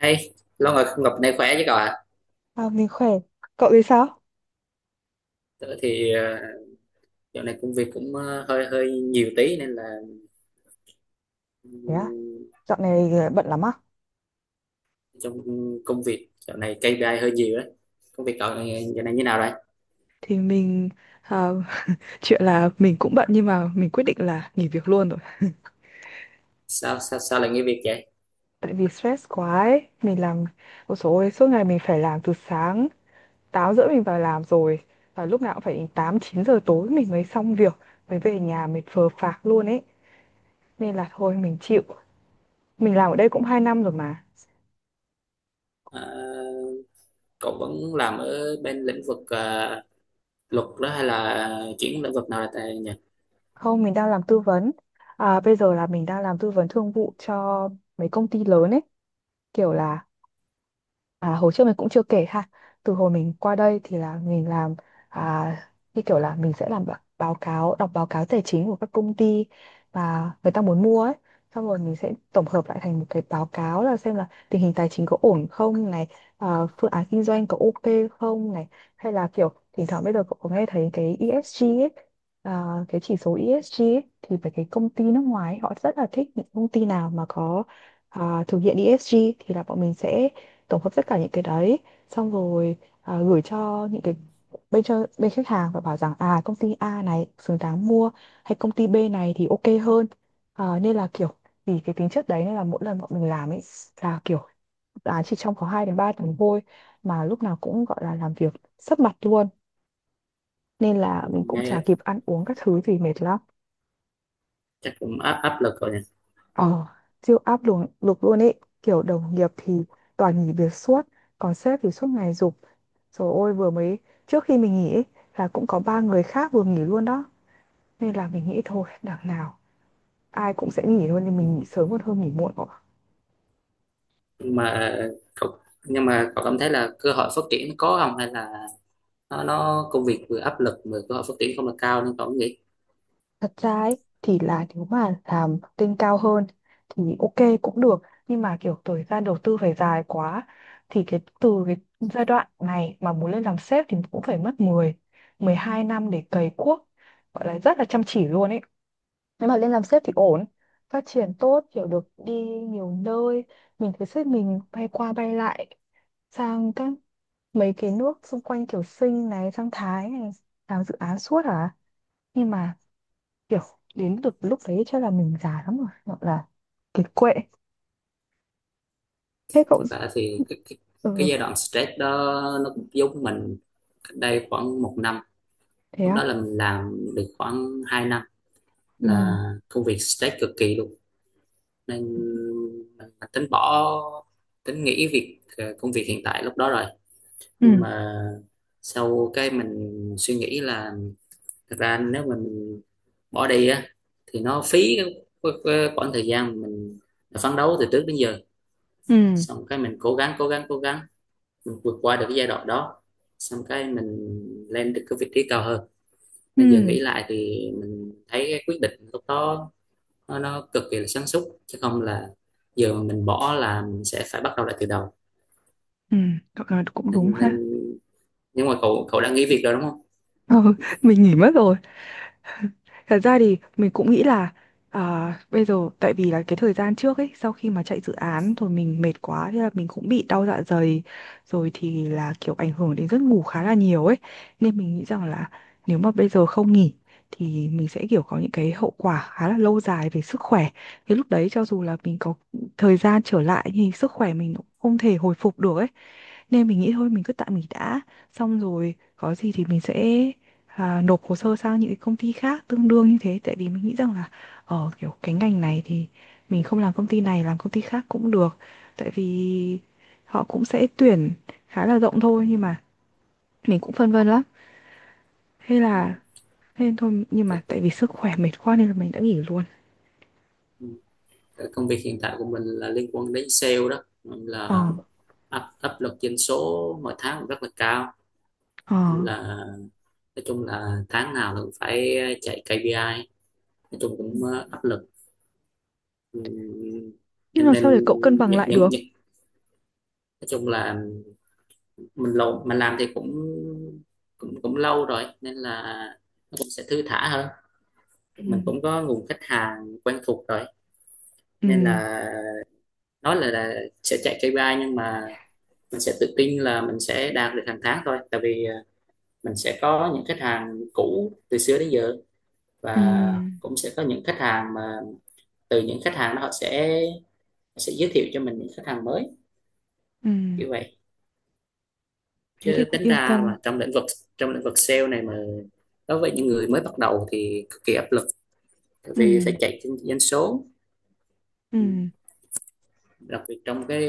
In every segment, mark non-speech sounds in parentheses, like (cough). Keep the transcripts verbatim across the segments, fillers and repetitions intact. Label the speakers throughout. Speaker 1: Hey, lâu rồi không gặp, nay khỏe chứ cậu ạ?
Speaker 2: À, mình khỏe. Cậu thì sao?
Speaker 1: Tớ thì ờ, dạo này công việc cũng ờ, hơi hơi nhiều tí, nên là
Speaker 2: Thế á,
Speaker 1: ừm,
Speaker 2: dạo này ờ, bận lắm á.
Speaker 1: trong công việc dạo này kây pi ai hơi nhiều đấy. Công việc cậu này dạo này như nào rồi?
Speaker 2: Thì mình à, (laughs) chuyện là mình cũng bận nhưng mà mình quyết định là nghỉ việc luôn rồi.
Speaker 1: Sao sao sao lại nghỉ việc vậy?
Speaker 2: Tại vì stress quá ấy, mình làm một số ôi, dồi ôi, suốt ngày mình phải làm từ sáng tám rưỡi mình vào làm rồi, và lúc nào cũng phải đến tám chín giờ tối mình mới xong việc, mới về nhà mệt phờ phạc luôn ấy. Nên là thôi mình chịu. Mình làm ở đây cũng hai năm rồi mà.
Speaker 1: Ờ, cậu vẫn làm ở bên lĩnh vực ờ, luật đó, hay là chuyển lĩnh vực nào tại nhỉ?
Speaker 2: Không, mình đang làm tư vấn. À, bây giờ là mình đang làm tư vấn thương vụ cho mấy công ty lớn ấy, kiểu là à, hồi trước mình cũng chưa kể ha. Từ hồi mình qua đây thì là mình làm à, như kiểu là mình sẽ làm bạ- báo cáo, đọc báo cáo tài chính của các công ty mà người ta muốn mua ấy. Xong rồi mình sẽ tổng hợp lại thành một cái báo cáo là xem là tình hình tài chính có ổn không này, à, phương án kinh doanh có ok không này, hay là kiểu thỉnh thoảng bây giờ cậu có nghe thấy cái e ét giê ấy, à, cái chỉ số e ét giê ấy, thì phải cái công ty nước ngoài ấy, họ rất là thích những công ty nào mà có à, thực hiện e ét giê thì là bọn mình sẽ tổng hợp tất cả những cái đấy, xong rồi à, gửi cho những cái bên cho bên khách hàng và bảo rằng à công ty A này xứng đáng mua hay công ty B này thì ok hơn. À, nên là kiểu vì cái tính chất đấy nên là mỗi lần bọn mình làm ấy là kiểu à, chỉ trong có hai đến ba tuần thôi mà lúc nào cũng gọi là làm việc sấp mặt luôn, nên là mình cũng chả
Speaker 1: Nghe
Speaker 2: kịp ăn uống các thứ gì, mệt lắm.
Speaker 1: chắc cũng áp áp lực rồi nhỉ.
Speaker 2: ờ siêu áp lực lực luôn ấy, kiểu đồng nghiệp thì toàn nghỉ việc suốt, còn sếp thì suốt ngày giục. Rồi ôi, vừa mới trước khi mình nghỉ ấy, là cũng có ba người khác vừa nghỉ luôn đó, nên là mình nghĩ thôi đằng nào ai cũng sẽ nghỉ luôn nên mình nghỉ sớm còn hơn nghỉ muộn có.
Speaker 1: Nhưng mà cậu nhưng mà cậu cảm thấy là cơ hội phát triển có không, hay là nó, nó công việc vừa áp lực vừa cơ hội phát triển không là cao? Nên tôi cũng nghĩ,
Speaker 2: Thật ra ấy, thì là nếu mà làm tên cao hơn thì ok cũng được, nhưng mà kiểu thời gian đầu tư phải dài quá. Thì cái từ cái giai đoạn này mà muốn lên làm sếp thì cũng phải mất mười, mười hai năm để cày cuốc, gọi là rất là chăm chỉ luôn ấy. Nếu mà lên làm sếp thì ổn, phát triển tốt, kiểu được đi nhiều nơi. Mình thấy sếp mình bay qua bay lại sang các mấy cái nước xung quanh, kiểu Sinh này sang Thái này, làm dự án suốt à. Nhưng mà kiểu đến được lúc đấy chắc là mình già lắm rồi, gọi là kiệt quệ. Thế cậu?
Speaker 1: thực ra thì cái, cái, cái
Speaker 2: Ừ.
Speaker 1: giai đoạn stress đó nó cũng giống mình cách đây khoảng một năm.
Speaker 2: Thế
Speaker 1: Lúc đó
Speaker 2: á?
Speaker 1: là mình làm được khoảng hai năm,
Speaker 2: Ừ,
Speaker 1: là công việc stress cực kỳ luôn, nên mình tính bỏ, tính nghỉ việc ờ, công việc hiện tại lúc đó rồi.
Speaker 2: ừ,
Speaker 1: Nhưng mà sau cái mình suy nghĩ là, thực ra nếu mình bỏ đi á thì nó phí cái, cái, cái khoảng thời gian mình phấn đấu từ trước đến giờ.
Speaker 2: ừ,
Speaker 1: Xong cái mình cố gắng cố gắng cố gắng, mình vượt qua được cái giai đoạn đó. Xong cái mình lên được cái vị trí cao hơn.
Speaker 2: ừ,
Speaker 1: Nên giờ nghĩ lại thì mình thấy cái quyết định lúc đó nó, nó cực kỳ là sáng suốt, chứ không là giờ mà mình bỏ là mình sẽ phải bắt đầu lại từ đầu.
Speaker 2: ừ. Cậu nói cũng đúng
Speaker 1: Nên, nên
Speaker 2: ha.
Speaker 1: nhưng mà cậu cậu đã nghỉ việc rồi đúng không?
Speaker 2: (laughs) Ừ, mình nghỉ mất rồi. Thật ra thì mình cũng nghĩ là à, bây giờ tại vì là cái thời gian trước ấy, sau khi mà chạy dự án rồi mình mệt quá, thế là mình cũng bị đau dạ dày, rồi thì là kiểu ảnh hưởng đến giấc ngủ khá là nhiều ấy. Nên mình nghĩ rằng là nếu mà bây giờ không nghỉ thì mình sẽ kiểu có những cái hậu quả khá là lâu dài về sức khỏe, thì lúc đấy cho dù là mình có thời gian trở lại thì sức khỏe mình cũng không thể hồi phục được ấy. Nên mình nghĩ thôi mình cứ tạm nghỉ đã, xong rồi có gì thì mình sẽ à, nộp hồ sơ sang những cái công ty khác tương đương như thế. Tại vì mình nghĩ rằng là ở kiểu cái ngành này thì mình không làm công ty này làm công ty khác cũng được, tại vì họ cũng sẽ tuyển khá là rộng thôi. Nhưng mà mình cũng phân vân lắm, hay là
Speaker 1: Ừ,
Speaker 2: nên thôi. Nhưng mà tại vì sức khỏe mệt quá nên là mình đã nghỉ luôn.
Speaker 1: công việc hiện tại của mình là liên quan đến sale đó,
Speaker 2: Ờ.
Speaker 1: là áp áp lực doanh số mỗi tháng cũng rất là cao,
Speaker 2: Ờ.
Speaker 1: nên là nói chung là tháng nào cũng phải chạy kây pi ai, nói chung
Speaker 2: Ừ.
Speaker 1: cũng ờ, áp lực. Ừm,
Speaker 2: Nhưng
Speaker 1: nên
Speaker 2: làm sao
Speaker 1: nên
Speaker 2: để cậu cân bằng
Speaker 1: những
Speaker 2: lại
Speaker 1: những
Speaker 2: được?
Speaker 1: những nói chung là mình lâu mình làm thì cũng cũng cũng lâu rồi, nên là nó cũng sẽ thư thả hơn. Mình
Speaker 2: Ừ,
Speaker 1: cũng có nguồn khách hàng quen thuộc rồi,
Speaker 2: ừ,
Speaker 1: nên là nói là, là sẽ chạy ca pê i, nhưng mà mình sẽ tự tin là mình sẽ đạt được hàng tháng thôi, tại vì ờ, mình sẽ có những khách hàng cũ từ xưa đến giờ,
Speaker 2: ừ,
Speaker 1: và cũng sẽ có những khách hàng mà từ những khách hàng đó họ sẽ sẽ giới thiệu cho mình những khách hàng mới,
Speaker 2: ừ.
Speaker 1: kiểu vậy.
Speaker 2: Thế
Speaker 1: Chứ
Speaker 2: thì cũng
Speaker 1: tính
Speaker 2: yên
Speaker 1: ra
Speaker 2: tâm.
Speaker 1: mà trong lĩnh vực trong lĩnh vực sale này, mà đối với những người mới bắt đầu thì cực kỳ áp lực, tại
Speaker 2: Ừ,
Speaker 1: vì phải chạy trên doanh số. Ừ.
Speaker 2: ừ,
Speaker 1: Đặc biệt trong cái,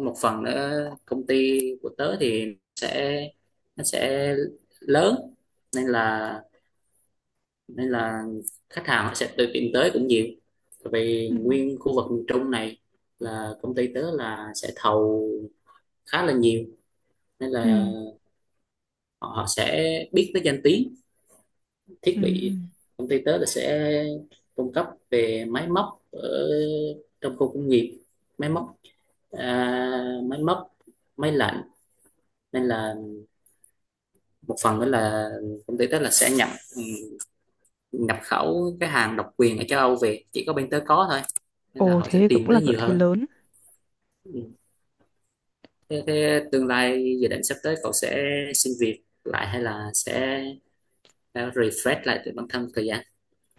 Speaker 1: một phần nữa, công ty của tớ thì sẽ, nó sẽ lớn, nên là nên là khách hàng họ sẽ tự tìm tới cũng nhiều. Tại vì
Speaker 2: ừ,
Speaker 1: nguyên khu vực miền Trung này là công ty tớ là sẽ thầu khá là nhiều, nên là
Speaker 2: ừ,
Speaker 1: họ, họ sẽ biết tới danh tiếng thiết
Speaker 2: ừ.
Speaker 1: bị.
Speaker 2: Ừ.
Speaker 1: Công ty tớ là sẽ cung cấp về máy móc ở trong khu công nghiệp, máy móc, à, máy móc máy lạnh. Nên là một phần nữa là công ty tớ là sẽ nhập ừ, nhập khẩu cái hàng độc quyền ở châu Âu về, chỉ có bên tớ có thôi, nên là
Speaker 2: Ồ,
Speaker 1: họ
Speaker 2: thế
Speaker 1: sẽ
Speaker 2: thì
Speaker 1: tìm
Speaker 2: cũng là
Speaker 1: tới
Speaker 2: lợi
Speaker 1: nhiều
Speaker 2: thế
Speaker 1: hơn.
Speaker 2: lớn.
Speaker 1: Ừ. thế, thế tương lai dự định sắp tới cậu sẽ xin việc lại, hay là sẽ ờ, refresh lại từ bản thân thời gian?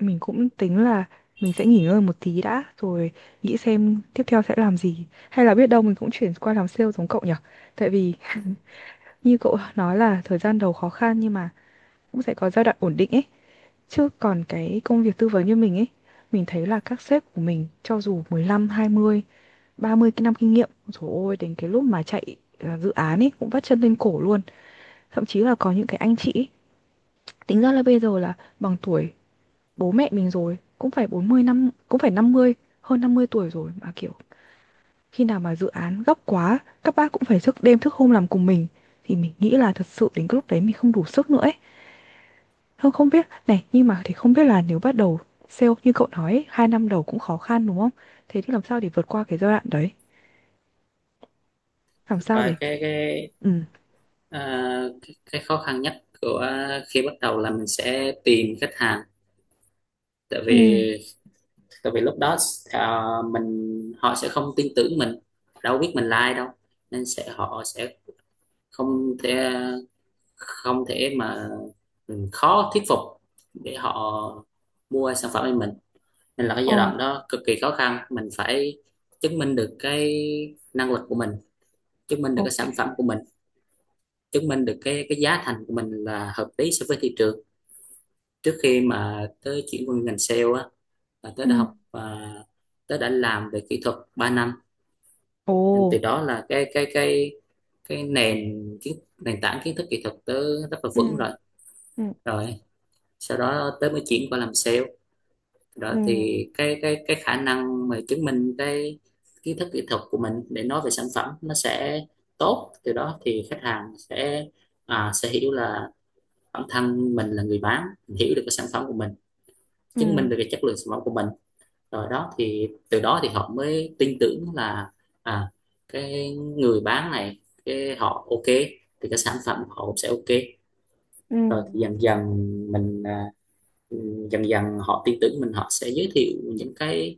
Speaker 2: Mình cũng tính là mình sẽ nghỉ ngơi một tí đã, rồi nghĩ xem tiếp theo sẽ làm gì. Hay là biết đâu mình cũng chuyển qua làm sale giống cậu nhỉ? Tại vì như cậu nói là thời gian đầu khó khăn nhưng mà cũng sẽ có giai đoạn ổn định ấy. Chứ còn cái công việc tư vấn như mình ấy, mình thấy là các sếp của mình cho dù mười lăm, hai mươi, ba mươi cái năm kinh nghiệm, trời ơi, đến cái lúc mà chạy à, dự án ấy cũng vắt chân lên cổ luôn. Thậm chí là có những cái anh chị ấy, tính ra là bây giờ là bằng tuổi bố mẹ mình rồi, cũng phải bốn mươi năm, cũng phải năm mươi, hơn năm mươi tuổi rồi mà, kiểu, khi nào mà dự án gấp quá, các bác cũng phải thức đêm thức hôm làm cùng mình, thì mình nghĩ là thật sự đến cái lúc đấy mình không đủ sức nữa ấy. Thôi không biết này, nhưng mà thì không biết là nếu bắt đầu sale như cậu nói ấy, hai năm đầu cũng khó khăn, đúng không? Thế thì làm sao để vượt qua cái giai đoạn đấy? Làm
Speaker 1: Thật
Speaker 2: sao
Speaker 1: ra
Speaker 2: để kiểu
Speaker 1: cái cái
Speaker 2: ừm.
Speaker 1: À, cái, cái khó khăn nhất của khi bắt đầu là mình sẽ tìm khách hàng. Tại
Speaker 2: Ừ.
Speaker 1: vì tại vì lúc đó, à, mình họ sẽ không tin tưởng mình, đâu biết mình là ai đâu, nên sẽ họ sẽ không thể, không thể mà ừ, khó thuyết phục để họ mua sản phẩm của mình. Nên là cái
Speaker 2: Ờ,
Speaker 1: giai đoạn đó cực kỳ khó khăn, mình phải chứng minh được cái năng lực của mình, chứng minh được cái sản
Speaker 2: ok.
Speaker 1: phẩm của mình, chứng minh được cái cái giá thành của mình là hợp lý so với thị trường. Trước khi mà tớ chuyển qua ngành sale á, là tớ
Speaker 2: Ừ.
Speaker 1: đã học và tớ đã làm về kỹ thuật ba năm,
Speaker 2: Ồ.
Speaker 1: nên từ đó là cái cái cái cái nền, kiến nền tảng kiến thức kỹ thuật tớ rất là
Speaker 2: Ừ.
Speaker 1: vững rồi.
Speaker 2: Ừ.
Speaker 1: Rồi sau đó tớ mới chuyển qua làm sale, đó
Speaker 2: Ừ.
Speaker 1: thì cái cái cái khả năng mà chứng minh cái kiến thức kỹ thuật của mình để nói về sản phẩm nó sẽ tốt. Từ đó thì khách hàng sẽ, à, sẽ hiểu là bản thân mình là người bán, hiểu được cái sản phẩm của mình,
Speaker 2: Ừ.
Speaker 1: chứng minh được cái chất lượng sản phẩm của mình rồi. Đó thì từ đó thì họ mới tin tưởng là, à cái người bán này, cái họ ok thì cái sản phẩm của họ cũng sẽ ok.
Speaker 2: Ừ.
Speaker 1: Rồi thì dần dần mình, à, dần dần họ tin tưởng mình, họ sẽ giới thiệu những cái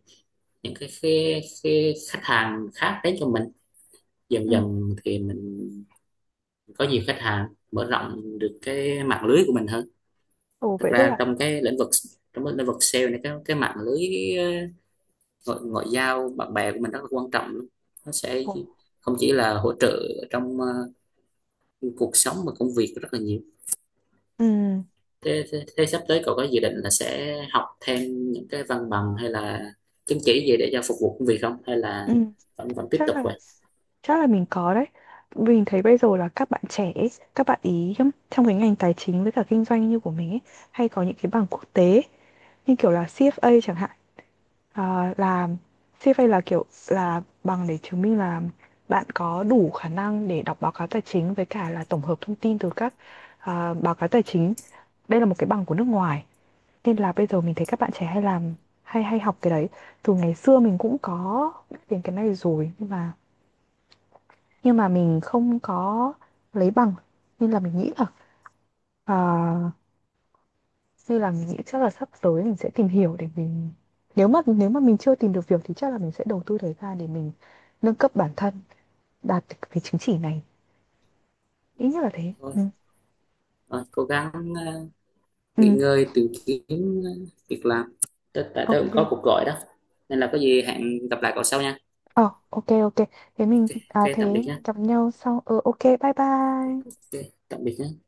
Speaker 1: những cái, cái, cái khách hàng khác đến cho mình. Dần
Speaker 2: Ừ.
Speaker 1: dần thì mình có nhiều khách hàng, mở rộng được cái mạng lưới của mình hơn.
Speaker 2: Ồ,
Speaker 1: Thực
Speaker 2: vậy tức
Speaker 1: ra
Speaker 2: là.
Speaker 1: trong cái lĩnh vực trong cái lĩnh vực sale này, cái cái mạng lưới ngoại, ngoại giao bạn bè của mình rất là quan trọng luôn, nó sẽ
Speaker 2: Ồ.
Speaker 1: không chỉ là hỗ trợ trong ờ, cuộc sống mà công việc rất là nhiều.
Speaker 2: Ừ.
Speaker 1: Thế, thế, thế sắp tới cậu có dự định là sẽ học thêm những cái văn bằng hay là chứng chỉ gì để cho phục vụ công việc không, hay là
Speaker 2: Ừ.
Speaker 1: vẫn vẫn tiếp
Speaker 2: chắc
Speaker 1: tục
Speaker 2: là
Speaker 1: vậy?
Speaker 2: chắc là mình có đấy. Mình thấy bây giờ là các bạn trẻ ấy, các bạn ý trong trong cái ngành tài chính với cả kinh doanh như của mình ấy, hay có những cái bằng quốc tế, như kiểu là xê ép a chẳng hạn. À, là xê ép a là kiểu là bằng để chứng minh là bạn có đủ khả năng để đọc báo cáo tài chính với cả là tổng hợp thông tin từ các à, báo cáo tài chính. Đây là một cái bằng của nước ngoài nên là bây giờ mình thấy các bạn trẻ hay làm, hay hay học cái đấy. Từ ngày xưa mình cũng có biết đến cái này rồi, nhưng mà nhưng mà mình không có lấy bằng. Nên là mình nghĩ là à, như là mình nghĩ chắc là sắp tới mình sẽ tìm hiểu để mình, nếu mà nếu mà mình chưa tìm được việc thì chắc là mình sẽ đầu tư thời gian để mình nâng cấp bản thân, đạt được cái chứng chỉ này, ít nhất là thế.
Speaker 1: thôi,
Speaker 2: Ừ,
Speaker 1: thôi cố gắng ờ,
Speaker 2: ừ,
Speaker 1: nghỉ ngơi, tìm kiếm ờ, việc làm. tớ, tại tớ cũng có
Speaker 2: ok.
Speaker 1: cuộc gọi đó, nên là có gì hẹn gặp lại cậu sau nha.
Speaker 2: Ờ, ok, ok. Thế mình
Speaker 1: Ok, ok
Speaker 2: à, thế
Speaker 1: tạm biệt nha.
Speaker 2: gặp nhau sau. Ờ, ok, bye bye.
Speaker 1: Ok, tạm biệt nhé.